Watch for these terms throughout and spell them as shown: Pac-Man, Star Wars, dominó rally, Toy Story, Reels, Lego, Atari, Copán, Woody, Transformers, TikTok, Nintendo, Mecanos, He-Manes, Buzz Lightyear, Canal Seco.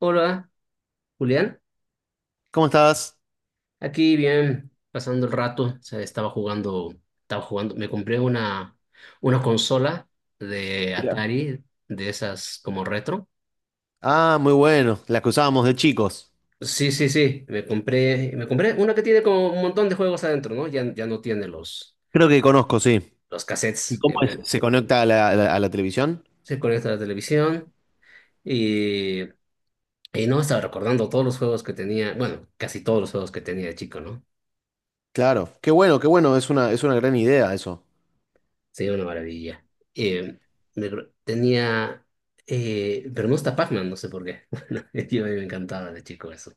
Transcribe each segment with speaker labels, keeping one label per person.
Speaker 1: Hola, Julián.
Speaker 2: ¿Cómo estás?
Speaker 1: Aquí bien, pasando el rato. O sea, estaba jugando, estaba jugando. Me compré una consola de
Speaker 2: Mira.
Speaker 1: Atari, de esas como retro.
Speaker 2: Ah, muy bueno. Las que usábamos de chicos.
Speaker 1: Sí, sí, sí. Me compré una que tiene como un montón de juegos adentro, ¿no? Ya, ya no tiene los,
Speaker 2: Creo que conozco, sí.
Speaker 1: los cassettes.
Speaker 2: ¿Se conecta a la televisión?
Speaker 1: Se conecta a la televisión y, y no estaba recordando todos los juegos que tenía. Bueno, casi todos los juegos que tenía de chico, ¿no?
Speaker 2: Claro, qué bueno, es una gran idea eso.
Speaker 1: Sí, una maravilla. Eh, tenía, pero no está Pac-Man, no sé por qué. Bueno, yo a mí me encantaba de chico eso.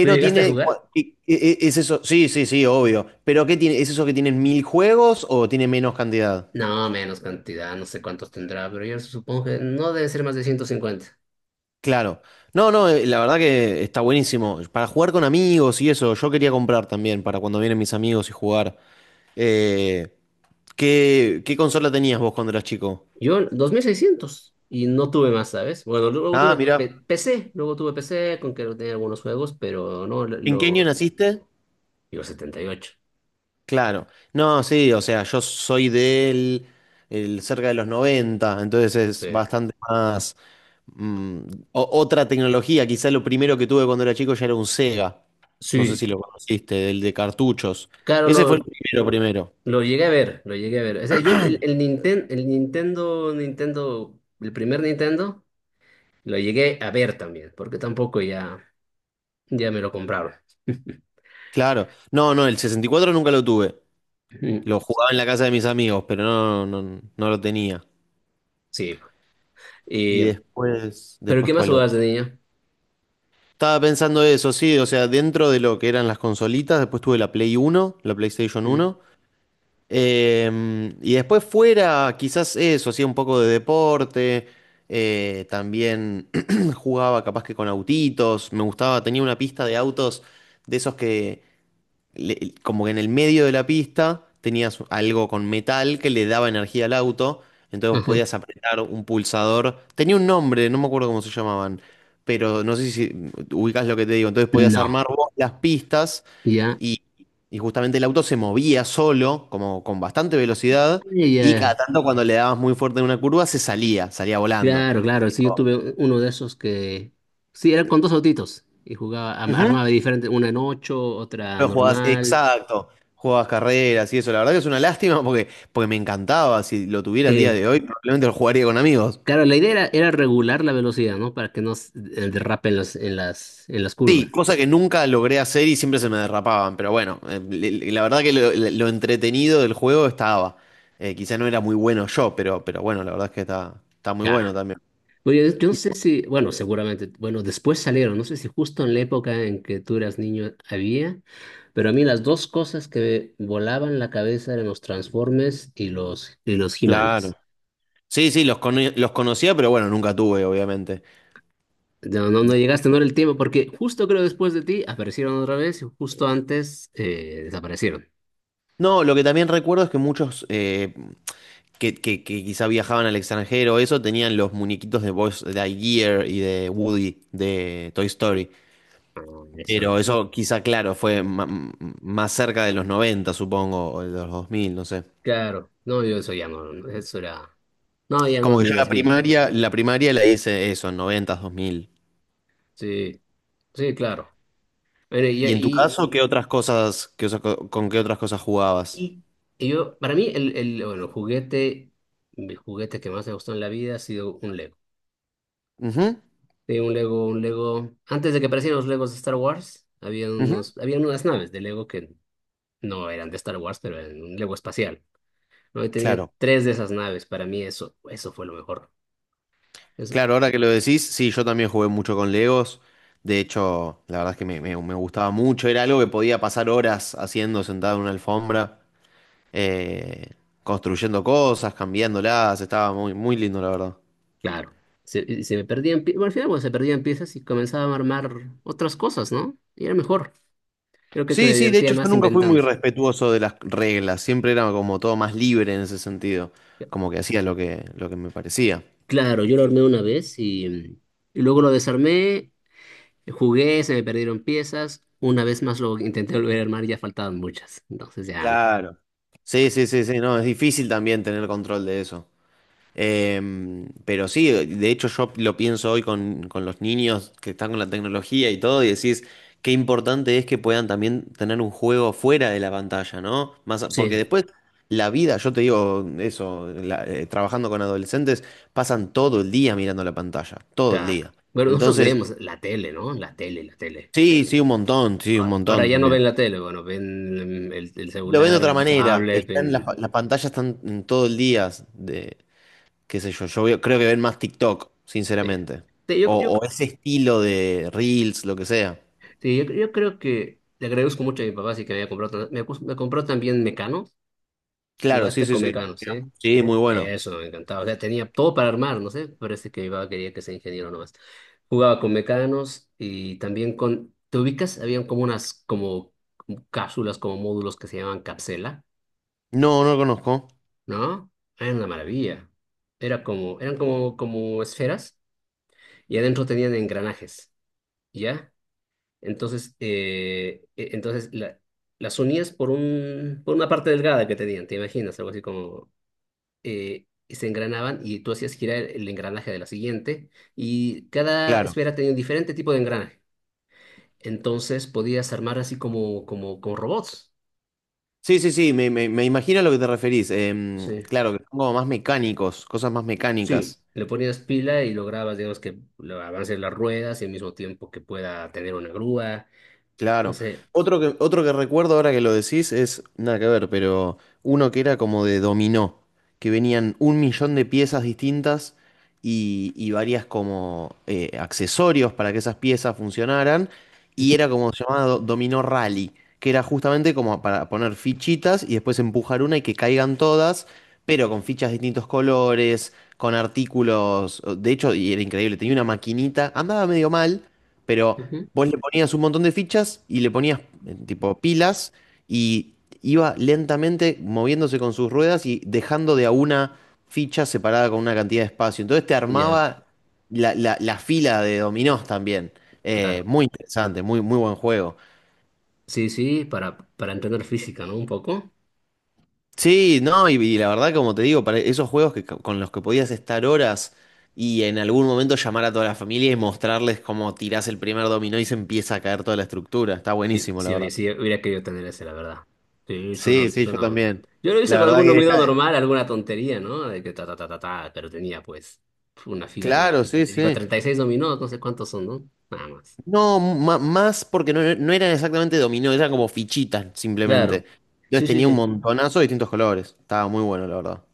Speaker 1: ¿Tú llegaste a
Speaker 2: tiene.
Speaker 1: jugar?
Speaker 2: ¿Es eso? Sí, sí, sí, obvio. ¿Pero qué tiene? ¿Es eso que tienen mil juegos o tiene menos cantidad?
Speaker 1: No, menos cantidad, no sé cuántos tendrá, pero yo supongo que no debe ser más de 150.
Speaker 2: Claro. No, no, la verdad que está buenísimo. Para jugar con amigos y eso, yo quería comprar también para cuando vienen mis amigos y jugar. Eh, qué consola tenías vos cuando eras chico?
Speaker 1: Yo, 2600 y no tuve más, ¿sabes? Bueno,
Speaker 2: Ah, mira.
Speaker 1: PC, luego tuve PC con que tenía algunos juegos, pero no,
Speaker 2: ¿En qué año naciste?
Speaker 1: yo 78.
Speaker 2: Claro. No, sí, o sea, yo soy del cerca de los 90, entonces es
Speaker 1: Sí.
Speaker 2: bastante más mm, otra tecnología. Quizá lo primero que tuve cuando era chico ya era un Sega. No sé
Speaker 1: Sí.
Speaker 2: si lo conociste, el de cartuchos.
Speaker 1: Claro,
Speaker 2: Ese fue el
Speaker 1: lo,
Speaker 2: primero, primero.
Speaker 1: Lo llegué a ver, lo llegué a ver. O sea, yo el Nintendo, Nintendo, el primer Nintendo, lo llegué a ver también, porque tampoco ya, ya me lo compraron.
Speaker 2: Claro. No, no, el 64 nunca lo tuve.
Speaker 1: Mm.
Speaker 2: Lo jugaba en la casa de mis amigos, pero no, no, no lo tenía.
Speaker 1: Sí.
Speaker 2: Y
Speaker 1: Y-
Speaker 2: después,
Speaker 1: ¿Pero qué
Speaker 2: después
Speaker 1: más
Speaker 2: ¿cuál
Speaker 1: jugabas de
Speaker 2: otro?
Speaker 1: niño?
Speaker 2: Estaba pensando eso, sí, o sea, dentro de lo que eran las consolitas, después tuve la Play 1, la PlayStation
Speaker 1: Mm.
Speaker 2: Uno. Y después fuera, quizás eso, hacía un poco de deporte, también jugaba capaz que con autitos, me gustaba, tenía una pista de autos de esos que como que en el medio de la pista tenías algo con metal que le daba energía al auto, entonces vos
Speaker 1: Ajá.
Speaker 2: podías apretar un pulsador, tenía un nombre, no me acuerdo cómo se llamaban, pero no sé si ubicás lo que te digo, entonces podías
Speaker 1: No,
Speaker 2: armar vos las pistas.
Speaker 1: ya,
Speaker 2: Y, y justamente el auto se movía solo, como con bastante velocidad, y cada
Speaker 1: ya.
Speaker 2: tanto cuando le dabas muy fuerte en una curva se salía, salía volando.
Speaker 1: Claro, claro, sí, uno de esos que, sí, eran con dos autitos y jugaba,
Speaker 2: Ujú.
Speaker 1: armaba diferente, una en ocho, otra
Speaker 2: Pero jugabas,
Speaker 1: normal.
Speaker 2: exacto, jugabas carreras y eso. La verdad que es una lástima porque me encantaba. Si lo tuviera el día
Speaker 1: eh,
Speaker 2: de hoy, probablemente lo jugaría con amigos.
Speaker 1: Claro, la idea era regular la velocidad, ¿no? Para que no derrape en las, en las, en las curvas.
Speaker 2: Sí, cosa que nunca logré hacer y siempre se me derrapaban, pero bueno, la verdad que lo entretenido del juego estaba. Quizá no era muy bueno yo, pero bueno, la verdad es que está muy
Speaker 1: Ya.
Speaker 2: bueno también.
Speaker 1: Oye, yo no sé si, bueno, seguramente, bueno, después salieron, no sé si justo en la época en que tú eras niño había, pero a mí las dos cosas que me volaban la cabeza eran los Transformers y los
Speaker 2: Claro.
Speaker 1: He-Manes.
Speaker 2: Sí, sí, los conocía, pero bueno, nunca tuve, obviamente.
Speaker 1: No, no, no llegaste, no era el tiempo, porque justo creo después de ti aparecieron otra vez y justo antes desaparecieron.
Speaker 2: No, lo que también recuerdo es que muchos que quizá viajaban al extranjero, eso, tenían los muñequitos de Buzz Lightyear y de Woody, de Toy Story.
Speaker 1: Ah. Eso
Speaker 2: Pero
Speaker 1: no.
Speaker 2: eso quizá, claro, fue más cerca de los 90, supongo, o de los 2000, no sé.
Speaker 1: Claro, no, yo eso ya no, no, eso era. No, ya no,
Speaker 2: Como que
Speaker 1: ni
Speaker 2: yo
Speaker 1: los
Speaker 2: la
Speaker 1: vi.
Speaker 2: primaria, la primaria la hice eso, en noventa, dos mil.
Speaker 1: Sí, sí, claro. Bueno, y,
Speaker 2: ¿Y en tu
Speaker 1: y,
Speaker 2: caso, qué otras cosas, con qué otras cosas jugabas?
Speaker 1: y- y yo, para mí, bueno, el juguete, mi juguete que más me gustó en la vida ha sido un Lego.
Speaker 2: Ujú,
Speaker 1: Sí, un Lego. Antes de que aparecieran los Legos de Star Wars, había
Speaker 2: ujú.
Speaker 1: unos, había unas naves de Lego que no eran de Star Wars, pero eran un Lego espacial, ¿no? Y tenía
Speaker 2: Claro.
Speaker 1: tres de esas naves. Para mí, eso fue lo mejor. Eso,
Speaker 2: Claro, ahora que lo decís, sí, yo también jugué mucho con Legos. De hecho, la verdad es que me gustaba mucho. Era algo que podía pasar horas haciendo sentado en una alfombra, eh, construyendo cosas, cambiándolas. Estaba muy, muy lindo, la verdad.
Speaker 1: claro. Y se me perdían, bueno, al final, bueno, se perdían piezas y comenzaba a armar otras cosas, ¿no? Y era mejor. Creo que
Speaker 2: Sí,
Speaker 1: me
Speaker 2: sí, de
Speaker 1: divertía
Speaker 2: hecho, yo
Speaker 1: más
Speaker 2: nunca fui muy
Speaker 1: inventando.
Speaker 2: respetuoso de las reglas. Siempre era como todo más libre en ese sentido. Como que hacía lo que me parecía.
Speaker 1: Claro, yo lo armé una vez y luego lo desarmé, jugué, se me perdieron piezas. Una vez más lo intenté volver a armar y ya faltaban muchas. Entonces ya,
Speaker 2: Claro. Sí, sí, sí, sí, no, es difícil también tener control de eso. Pero sí, de hecho yo lo pienso hoy con los niños que están con la tecnología y todo, y decís qué importante es que puedan también tener un juego fuera de la pantalla, ¿no? Más, porque
Speaker 1: sí,
Speaker 2: después la vida, yo te digo eso, trabajando con adolescentes, pasan todo el día mirando la pantalla, todo el
Speaker 1: claro.
Speaker 2: día.
Speaker 1: Bueno, nosotros
Speaker 2: Entonces,
Speaker 1: veíamos la tele, ¿no? La tele, la tele.
Speaker 2: sí, sí, un
Speaker 1: Ahora
Speaker 2: montón
Speaker 1: ya no ven
Speaker 2: también.
Speaker 1: la tele, bueno, ven el
Speaker 2: Lo ven de
Speaker 1: celular,
Speaker 2: otra
Speaker 1: ven la
Speaker 2: manera,
Speaker 1: tablet,
Speaker 2: están las,
Speaker 1: ven...
Speaker 2: pa- las pantallas están todo el día. Qué sé yo, creo que ven más TikTok,
Speaker 1: Sí.
Speaker 2: sinceramente.
Speaker 1: Sí,
Speaker 2: O, o ese estilo de Reels, lo que sea.
Speaker 1: sí, yo creo que le agradezco mucho a mi papá, así que me había comprado... me compró también Mecanos.
Speaker 2: Claro, sí,
Speaker 1: Jugaste
Speaker 2: sí,
Speaker 1: con
Speaker 2: sí.
Speaker 1: Mecanos, ¿eh?
Speaker 2: Sí, muy bueno.
Speaker 1: Eso, me encantaba. O sea, tenía todo para armar, no sé. Parece que mi papá quería que sea ingeniero nomás. Jugaba con mecanos y también con... ¿Te ubicas? Habían como unas como cápsulas, como módulos que se llamaban cápsula,
Speaker 2: No, no lo conozco.
Speaker 1: ¿no? Era una maravilla. Eran como, como esferas y adentro tenían engranajes, ¿ya? Entonces, las unías por por una parte delgada que tenían, ¿te imaginas? Algo así como se engranaban y tú hacías girar el engranaje de la siguiente y cada
Speaker 2: Claro.
Speaker 1: esfera tenía un diferente tipo de engranaje. Entonces podías armar así como robots.
Speaker 2: Sí, sí, sí, me imagino a lo que te referís.
Speaker 1: Sí,
Speaker 2: Claro, que son como más mecánicos, cosas más
Speaker 1: sí.
Speaker 2: mecánicas.
Speaker 1: Le ponías pila y lograbas, digamos, que avance las ruedas y al mismo tiempo que pueda tener una grúa. No
Speaker 2: Claro.
Speaker 1: sé.
Speaker 2: Otro que recuerdo ahora que lo decís es, nada que ver, pero uno que era como de dominó, que venían un millón de piezas distintas y varias como accesorios para que esas piezas funcionaran, y era como llamado dominó rally, que era justamente como para poner fichitas y después empujar una y que caigan todas, pero con fichas de distintos colores, con artículos, de hecho, y era increíble, tenía una maquinita, andaba medio mal, pero.
Speaker 1: Ujú.
Speaker 2: Vos le ponías un montón de fichas y le ponías tipo pilas y iba lentamente moviéndose con sus ruedas y dejando de a una ficha separada con una cantidad de espacio. Entonces te
Speaker 1: Ya,
Speaker 2: armaba la fila de dominós también.
Speaker 1: claro.
Speaker 2: Muy interesante, muy, muy buen juego.
Speaker 1: Sí, sí, para entender física, ¿no? Un poco.
Speaker 2: Sí, no, y la verdad, como te digo, para esos juegos que, con los que podías estar horas y en algún momento llamar a toda la familia y mostrarles cómo tirás el primer dominó y se empieza a caer toda la estructura. Está
Speaker 1: Sí,
Speaker 2: buenísimo, la
Speaker 1: sí, oye,
Speaker 2: verdad.
Speaker 1: sí, hubiera querido tener ese, la verdad. Sí,
Speaker 2: Sí, sí, yo
Speaker 1: suena.
Speaker 2: también.
Speaker 1: Yo lo hice
Speaker 2: La
Speaker 1: con
Speaker 2: verdad
Speaker 1: algún
Speaker 2: que
Speaker 1: ruido
Speaker 2: está.
Speaker 1: normal, alguna tontería, ¿no? De que ta, ta, ta, ta, ta, pero tenía pues una fila de,
Speaker 2: Claro,
Speaker 1: que
Speaker 2: sí,
Speaker 1: te digo,
Speaker 2: sí.
Speaker 1: 36 dominó, no sé cuántos son, ¿no? Nada más.
Speaker 2: No, más porque no, no eran exactamente dominó, eran como fichitas
Speaker 1: Claro.
Speaker 2: simplemente.
Speaker 1: Sí,
Speaker 2: Entonces
Speaker 1: sí,
Speaker 2: tenía un
Speaker 1: sí.
Speaker 2: montonazo de distintos colores. Estaba muy bueno, la verdad.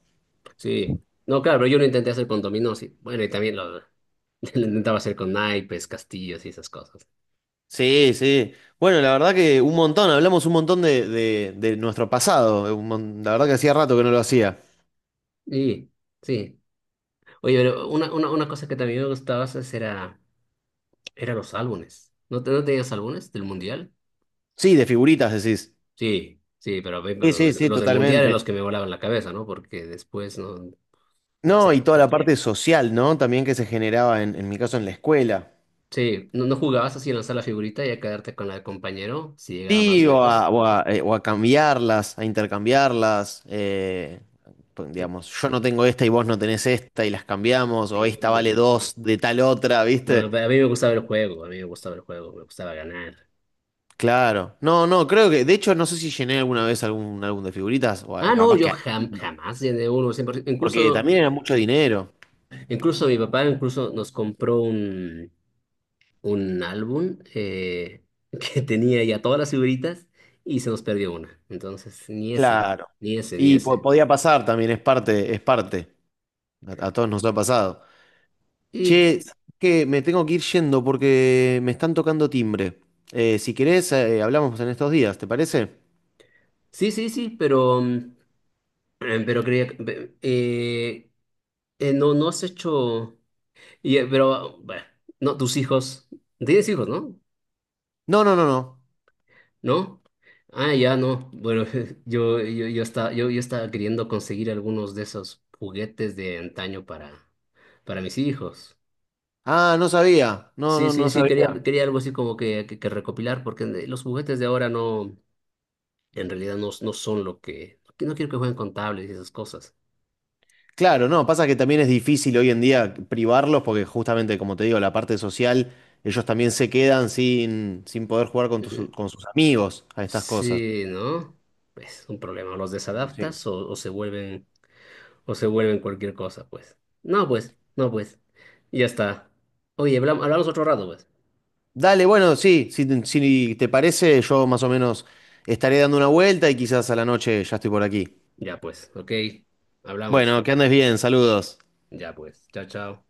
Speaker 1: Sí. No, claro, pero yo lo intenté hacer con dominó, sí. Bueno, y también lo intentaba hacer con naipes, castillos y esas cosas.
Speaker 2: Sí, sí. Bueno, la verdad que un montón, hablamos un montón de nuestro pasado. La verdad que hacía rato que no lo hacía.
Speaker 1: Sí, sí. Oye, pero una cosa que también me gustaba hacer era los álbumes. ¿No, no tenías álbumes del mundial?
Speaker 2: Sí, de figuritas decís.
Speaker 1: Sí, sí, pero, ve,
Speaker 2: Sí,
Speaker 1: pero
Speaker 2: sí, sí,
Speaker 1: los del Mundial eran los
Speaker 2: totalmente.
Speaker 1: que me volaban la cabeza, ¿no? Porque después no, no
Speaker 2: No, y
Speaker 1: sé.
Speaker 2: toda la parte social, ¿no? También que se generaba en mi caso en la escuela.
Speaker 1: Sí, no, no jugabas así en lanzar la figurita y a quedarte con la del compañero si llegaba más
Speaker 2: Sí, o a,
Speaker 1: lejos.
Speaker 2: o a, eh, o a cambiarlas, a intercambiarlas. Pues,
Speaker 1: Sí.
Speaker 2: digamos, yo no tengo esta y vos no tenés esta y las cambiamos, o esta
Speaker 1: Sí.
Speaker 2: vale dos de tal otra,
Speaker 1: No,
Speaker 2: ¿viste?
Speaker 1: pero a mí me gustaba el juego, a mí me gustaba el juego, me gustaba ganar.
Speaker 2: Claro. No, no, creo que, de hecho, no sé si llené alguna vez algún álbum de figuritas,
Speaker 1: Ah, no,
Speaker 2: capaz que.
Speaker 1: jamás llené uno, siempre,
Speaker 2: Porque
Speaker 1: incluso,
Speaker 2: también era mucho dinero.
Speaker 1: incluso mi papá incluso nos compró un álbum que tenía ya todas las figuritas y se nos perdió una. Entonces, ni ese,
Speaker 2: Claro.
Speaker 1: ni ese, ni
Speaker 2: Y
Speaker 1: ese.
Speaker 2: podía pasar también, es parte, es parte. A todos nos ha pasado. Che,
Speaker 1: Y
Speaker 2: que me tengo que ir yendo porque me están tocando timbre. Si querés, hablamos en estos días, ¿te parece?
Speaker 1: sí, sí, sí, pero, pero creía, no, no has hecho, y, pero, bueno, no, tienes hijos, ¿no?
Speaker 2: No, no, no, no.
Speaker 1: ¿No? Ah, ya, no, bueno, yo estaba, yo estaba queriendo conseguir algunos de esos juguetes de antaño para mis hijos.
Speaker 2: Ah, no sabía. No,
Speaker 1: Sí,
Speaker 2: no,
Speaker 1: sí,
Speaker 2: no
Speaker 1: sí,
Speaker 2: sabía.
Speaker 1: quería algo así como que recopilar, porque los juguetes de ahora no, en realidad no, no son lo que, no quiero que jueguen con tablets y esas cosas.
Speaker 2: Claro, no, pasa que también es difícil hoy en día privarlos porque justamente, como te digo, la parte social, ellos también se quedan sin poder jugar con sus amigos a estas cosas.
Speaker 1: Sí, ¿no? Pues un problema, los desadaptas o se vuelven cualquier cosa, pues. No, pues, no, pues. Ya está. Oye, hablamos otro rato, pues.
Speaker 2: Dale, bueno, sí, si te parece, yo más o menos estaré dando una vuelta y quizás a la noche ya estoy por aquí.
Speaker 1: Ya, pues, ok. Hablamos.
Speaker 2: Bueno, que andes bien, saludos.
Speaker 1: Ya, pues. Chao, chao.